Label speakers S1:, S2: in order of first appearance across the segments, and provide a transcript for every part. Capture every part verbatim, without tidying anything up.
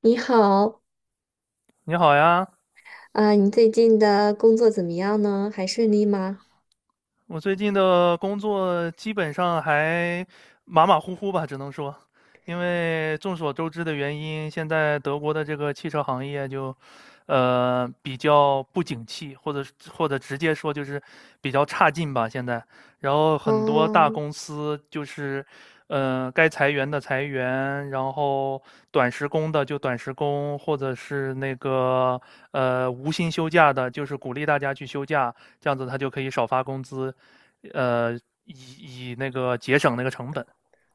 S1: 你好，
S2: 你好呀，
S1: 啊、你最近的工作怎么样呢？还顺利吗？
S2: 我最近的工作基本上还马马虎虎吧，只能说，因为众所周知的原因，现在德国的这个汽车行业就，呃，比较不景气，或者或者直接说就是比较差劲吧，现在。然后很多大
S1: 哦，
S2: 公司就是，呃，该裁员的裁员，然后短时工的就短时工，或者是那个呃无薪休假的，就是鼓励大家去休假，这样子他就可以少发工资，呃，以以那个节省那个成本。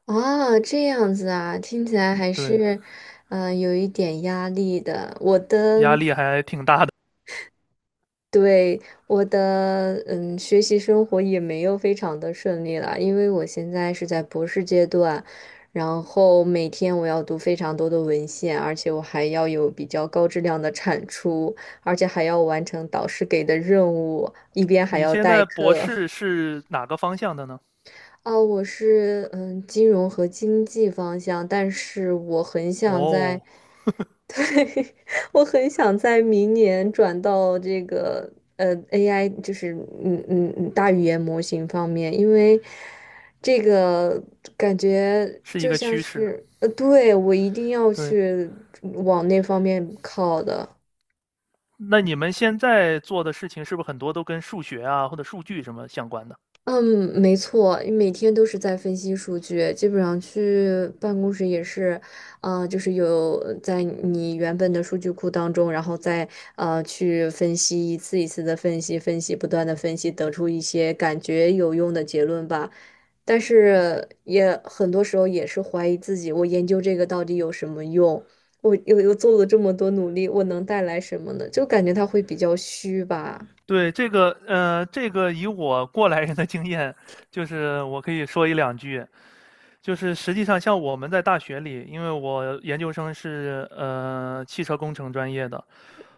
S1: 啊，这样子啊，听起来还
S2: 对，
S1: 是，嗯，有一点压力的。我的，
S2: 压力还挺大的。
S1: 对，我的，嗯，学习生活也没有非常的顺利了，因为我现在是在博士阶段，然后每天我要读非常多的文献，而且我还要有比较高质量的产出，而且还要完成导师给的任务，一边还
S2: 你
S1: 要
S2: 现
S1: 代
S2: 在博
S1: 课。
S2: 士是哪个方向的呢？
S1: 哦，我是嗯金融和经济方向，但是我很想在，
S2: 哦，
S1: 我很想在明年转到这个呃 A I，就是嗯嗯嗯大语言模型方面，因为这个感觉
S2: 是一
S1: 就
S2: 个
S1: 像
S2: 趋势。
S1: 是呃，对，我一定要
S2: 对，
S1: 去往那方面靠的。
S2: 那你们现在做的事情是不是很多都跟数学啊或者数据什么相关的？
S1: 嗯，没错，每天都是在分析数据，基本上去办公室也是，啊，就是有在你原本的数据库当中，然后再呃去分析一次一次的分析，分析不断的分析，得出一些感觉有用的结论吧。但是也很多时候也是怀疑自己，我研究这个到底有什么用？我又又做了这么多努力，我能带来什么呢？就感觉它会比较虚吧？
S2: 对，这个，呃，这个以我过来人的经验，就是我可以说一两句。就是实际上，像我们在大学里，因为我研究生是呃汽车工程专业的，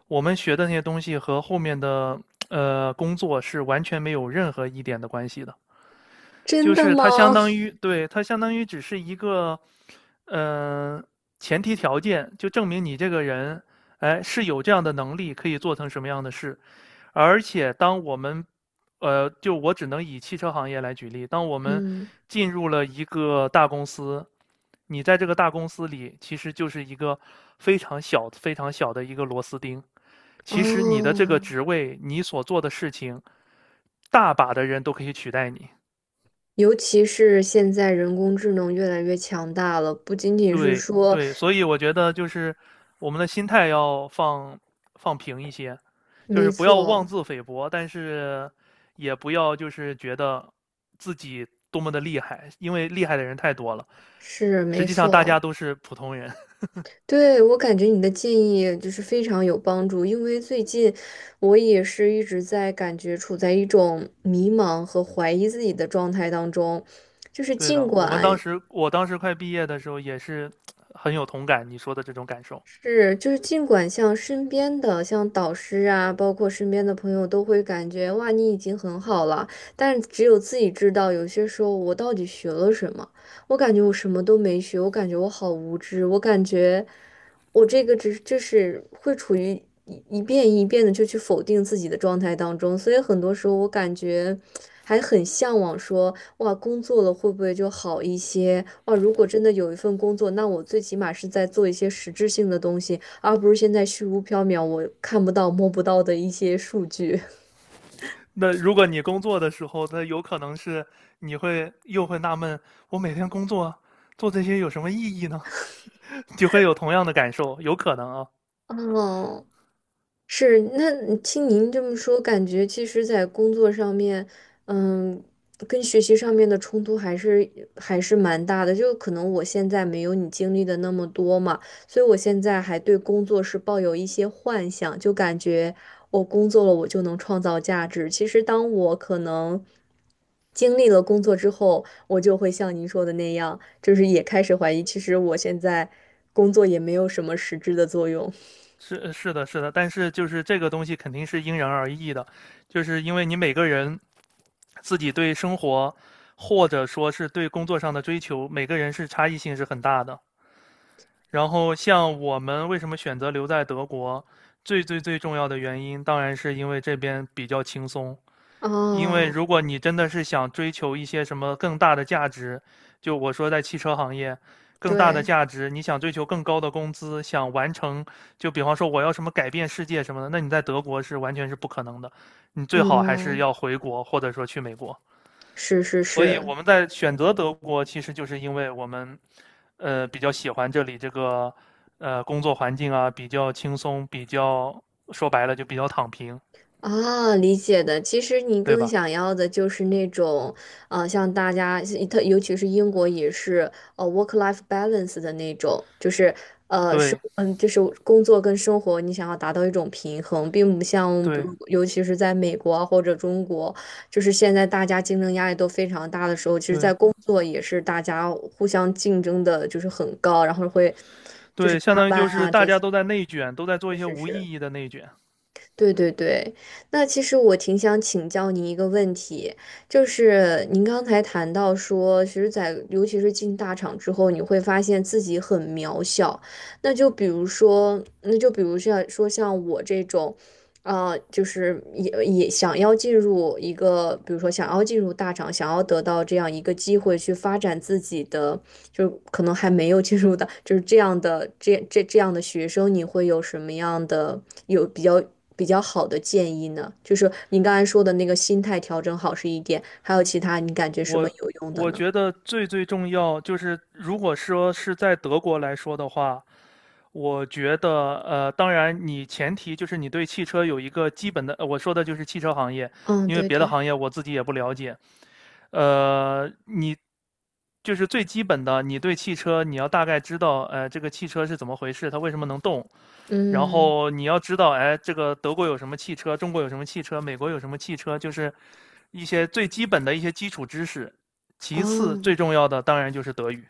S2: 我们学的那些东西和后面的呃工作是完全没有任何一点的关系的。
S1: 真
S2: 就
S1: 的
S2: 是它相
S1: 吗？
S2: 当 于，对，它相当于只是一个，呃，前提条件，就证明你这个人，哎，是有这样的能力，可以做成什么样的事。而且当我们，呃，就我只能以汽车行业来举例，当我们
S1: 嗯，
S2: 进入了一个大公司，你在这个大公司里其实就是一个非常小、非常小的一个螺丝钉。其实你的这个
S1: 哦。
S2: 职位，你所做的事情，大把的人都可以取代你。
S1: 尤其是现在人工智能越来越强大了，不仅仅是
S2: 对
S1: 说，
S2: 对，所以我觉得就是我们的心态要放放平一些，就
S1: 没
S2: 是不要
S1: 错，
S2: 妄自菲薄，但是也不要就是觉得自己多么的厉害，因为厉害的人太多了。
S1: 是
S2: 实
S1: 没
S2: 际上大
S1: 错。
S2: 家都是普通人。
S1: 对，我感觉你的建议就是非常有帮助，因为最近我也是一直在感觉处在一种迷茫和怀疑自己的状态当中，就是
S2: 对
S1: 尽
S2: 的，我们当
S1: 管
S2: 时我当时快毕业的时候也是很有同感你说的这种感受。
S1: 是，就是尽管像身边的，像导师啊，包括身边的朋友，都会感觉哇，你已经很好了，但是只有自己知道，有些时候我到底学了什么？我感觉我什么都没学，我感觉我好无知，我感觉我这个只就是会处于一一遍一遍的就去否定自己的状态当中，所以很多时候我感觉还很向往说。哇，工作了会不会就好一些？哇，如果真的有一份工作，那我最起码是在做一些实质性的东西，而不是现在虚无缥缈，我看不到、摸不到的一些数据。
S2: 那如果你工作的时候，那有可能是你会又会纳闷，我每天工作做这些有什么意义呢？就会有同样的感受，有可能啊，
S1: 哦，是，那你听您这么说，感觉其实，在工作上面，嗯，跟学习上面的冲突还是还是蛮大的。就可能我现在没有你经历的那么多嘛，所以我现在还对工作是抱有一些幻想，就感觉我工作了，我就能创造价值。其实，当我可能经历了工作之后，我就会像您说的那样，就是也开始怀疑，其实我现在工作也没有什么实质的作用。
S2: 是是的，是的，但是就是这个东西肯定是因人而异的，就是因为你每个人自己对生活或者说是对工作上的追求，每个人是差异性是很大的。然后像我们为什么选择留在德国，最最最重要的原因当然是因为这边比较轻松，因为
S1: 哦，
S2: 如果你真的是想追求一些什么更大的价值，就我说在汽车行业，更大的
S1: 对。
S2: 价值，你想追求更高的工资，想完成，就比方说我要什么改变世界什么的，那你在德国是完全是不可能的，你最好还是
S1: 嗯，
S2: 要回国或者说去美国。
S1: 是是
S2: 所以我
S1: 是。
S2: 们在选择德国，其实就是因为我们，呃，比较喜欢这里这个，呃，工作环境啊，比较轻松，比较说白了就比较躺平，
S1: 啊，理解的。其实你
S2: 对
S1: 更
S2: 吧？
S1: 想要的就是那种，呃，像大家，特尤其是英国也是，呃，work-life balance 的那种，就是呃生，
S2: 对
S1: 嗯，就是工作跟生活，你想要达到一种平衡，并不像，比
S2: 对
S1: 如尤其是在美国啊或者中国，就是现在大家竞争压力都非常大的时候，其实，
S2: 对。
S1: 在工作也是大家互相竞争的，就是很高，然后会就是
S2: 对，
S1: 加
S2: 相当于
S1: 班
S2: 就是
S1: 啊
S2: 大
S1: 这
S2: 家
S1: 些，
S2: 都在内卷，都在做
S1: 是
S2: 一些
S1: 是
S2: 无
S1: 是。
S2: 意义的内卷。
S1: 对对对，那其实我挺想请教您一个问题，就是您刚才谈到说，其实在，尤其是进大厂之后，你会发现自己很渺小。那就比如说，那就比如像说像我这种，啊，就是也也想要进入一个，比如说想要进入大厂，想要得到这样一个机会去发展自己的，就是可能还没有进入的，就是这样的这这这样的学生，你会有什么样的有比较比较好的建议呢？就是你刚才说的那个心态调整好是一点，还有其他你感觉什么
S2: 我
S1: 有用的
S2: 我
S1: 呢？
S2: 觉得最最重要就是，如果说是在德国来说的话，我觉得呃，当然你前提就是你对汽车有一个基本的，呃我说的就是汽车行业，
S1: 嗯，
S2: 因为
S1: 对
S2: 别的
S1: 对，
S2: 行业我自己也不了解。呃，你就是最基本的，你对汽车你要大概知道，呃，这个汽车是怎么回事，它为什么能动，然
S1: 嗯，
S2: 后你要知道，哎，这个德国有什么汽车，中国有什么汽车，美国有什么汽车，就是一些最基本的一些基础知识。其次，最
S1: 哦
S2: 重要的当然就是德语。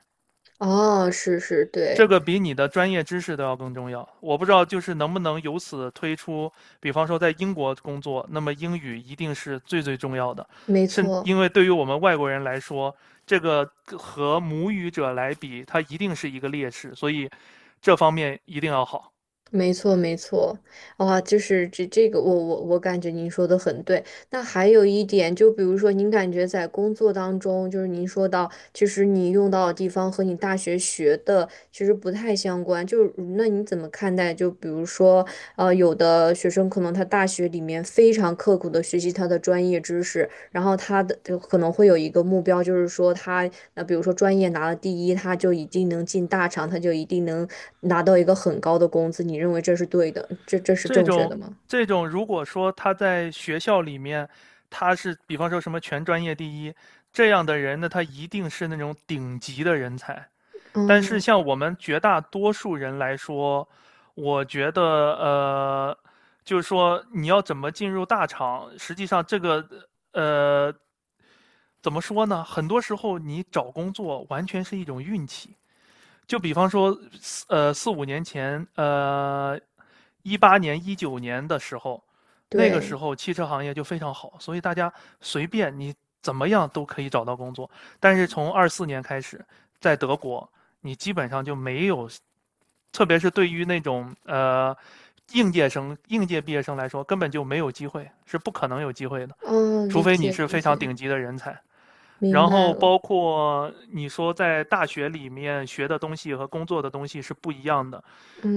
S1: 哦，是是，
S2: 这
S1: 对，
S2: 个比你的专业知识都要更重要。我不知道，就是能不能由此推出，比方说在英国工作，那么英语一定是最最重要的，
S1: 没
S2: 甚
S1: 错。
S2: 因为对于我们外国人来说，这个和母语者来比，他一定是一个劣势，所以这方面一定要好。
S1: 没错，没错，哇，就是这这个，我我我感觉您说的很对。那还有一点，就比如说，您感觉在工作当中，就是您说到，其实你用到的地方和你大学学的其实不太相关。就是那你怎么看待？就比如说，呃，有的学生可能他大学里面非常刻苦的学习他的专业知识，然后他的就可能会有一个目标，就是说他那比如说专业拿了第一，他就一定能进大厂，他就一定能拿到一个很高的工资。你认为这是对的，这这是
S2: 这
S1: 正确
S2: 种
S1: 的吗？
S2: 这种，如果说他在学校里面，他是比方说什么全专业第一这样的人呢，他一定是那种顶级的人才。但是
S1: 嗯，
S2: 像我们绝大多数人来说，我觉得呃，就是说你要怎么进入大厂，实际上这个呃，怎么说呢？很多时候你找工作完全是一种运气。就比方说呃四五年前，呃一八年一九年的时候，那个时
S1: 对，
S2: 候汽车行业就非常好，所以大家随便你怎么样都可以找到工作。但是从二四年开始，在德国，你基本上就没有，特别是对于那种呃应届生、应届毕业生来说，根本就没有机会，是不可能有机会的，
S1: 哦，
S2: 除
S1: 理
S2: 非你
S1: 解
S2: 是
S1: 理
S2: 非常
S1: 解，
S2: 顶级的人才。
S1: 明
S2: 然
S1: 白
S2: 后
S1: 了。
S2: 包括你说在大学里面学的东西和工作的东西是不一样的，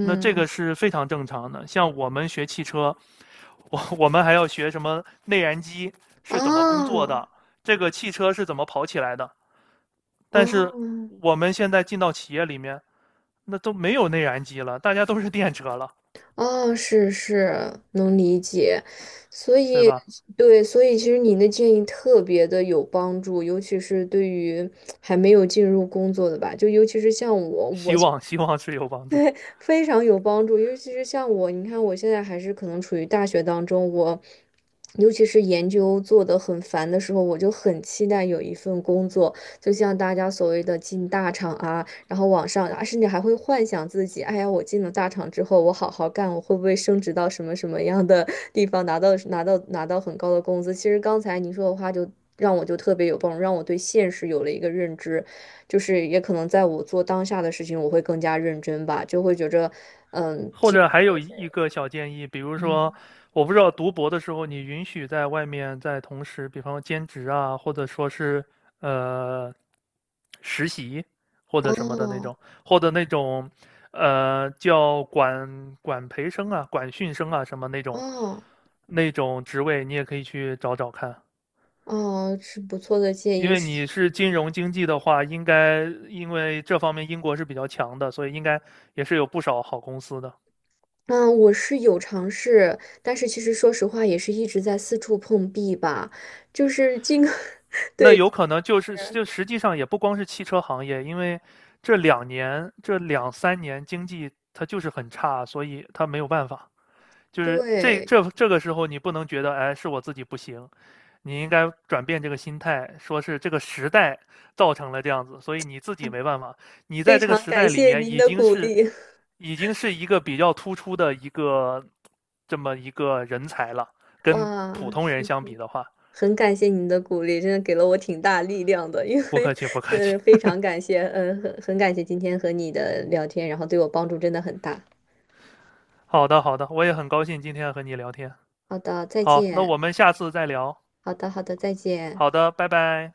S2: 那这个是非常正常的。像我们学汽车，我我们还要学什么内燃机是怎么工作的，
S1: 啊。
S2: 这个汽车是怎么跑起来的。但是
S1: 哦
S2: 我们现在进到企业里面，那都没有内燃机了，大家都是电车了，
S1: 哦，是是，能理解，所
S2: 对
S1: 以
S2: 吧？
S1: 对，所以其实你的建议特别的有帮助，尤其是对于还没有进入工作的吧，就尤其是像我，
S2: 希
S1: 我
S2: 望希望是有帮助。
S1: 非常有帮助，尤其是像我，你看我现在还是可能处于大学当中，我尤其是研究做得很烦的时候，我就很期待有一份工作，就像大家所谓的进大厂啊，然后往上，啊，甚至还会幻想自己，哎呀，我进了大厂之后，我好好干，我会不会升职到什么什么样的地方，拿到拿到拿到很高的工资？其实刚才您说的话就。让我就特别有帮助，让我对现实有了一个认知，就是也可能在我做当下的事情，我会更加认真吧，就会觉着，
S2: 或者还有一个小建议，比如说，
S1: 嗯
S2: 我不知道读博的时候，你允许在外面在同时，比方说兼职啊，或者说是呃实习或者什么的那
S1: 哦
S2: 种，或者那种呃叫管管培生啊、管训生啊什么那种
S1: 哦
S2: 那种职位，你也可以去找找看。
S1: 哦，是不错的建
S2: 因
S1: 议。
S2: 为
S1: 是，
S2: 你是金融经济的话，应该因为这方面英国是比较强的，所以应该也是有不少好公司的。
S1: 嗯，我是有尝试，但是其实说实话，也是一直在四处碰壁吧。就是这个
S2: 那有可能就是就实际上也不光是汽车行业，因为这两年这两三年经济它就是很差，所以它没有办法。就是这
S1: 对，
S2: 这这个时候你不能觉得哎是我自己不行，你应该转变这个心态，说是这个时代造成了这样子，所以你自己
S1: 哎
S2: 没办法。你
S1: 非
S2: 在这个
S1: 常
S2: 时代
S1: 感
S2: 里
S1: 谢
S2: 面
S1: 您
S2: 已
S1: 的
S2: 经
S1: 鼓
S2: 是
S1: 励，
S2: 已经是一个比较突出的一个这么一个人才了，跟普
S1: 哇，
S2: 通人
S1: 是
S2: 相
S1: 是，
S2: 比的话，
S1: 很感谢您的鼓励，真的给了我挺大力量的，因
S2: 不
S1: 为，
S2: 客气不客气。
S1: 呃，非常感谢，呃，很很感谢今天和你的聊天，然后对我帮助真的很大。
S2: 好的，好的，我也很高兴今天和你聊天。
S1: 好的，再
S2: 好，那我
S1: 见。
S2: 们下次再聊。
S1: 好的，好的，再见。
S2: 好的，拜拜。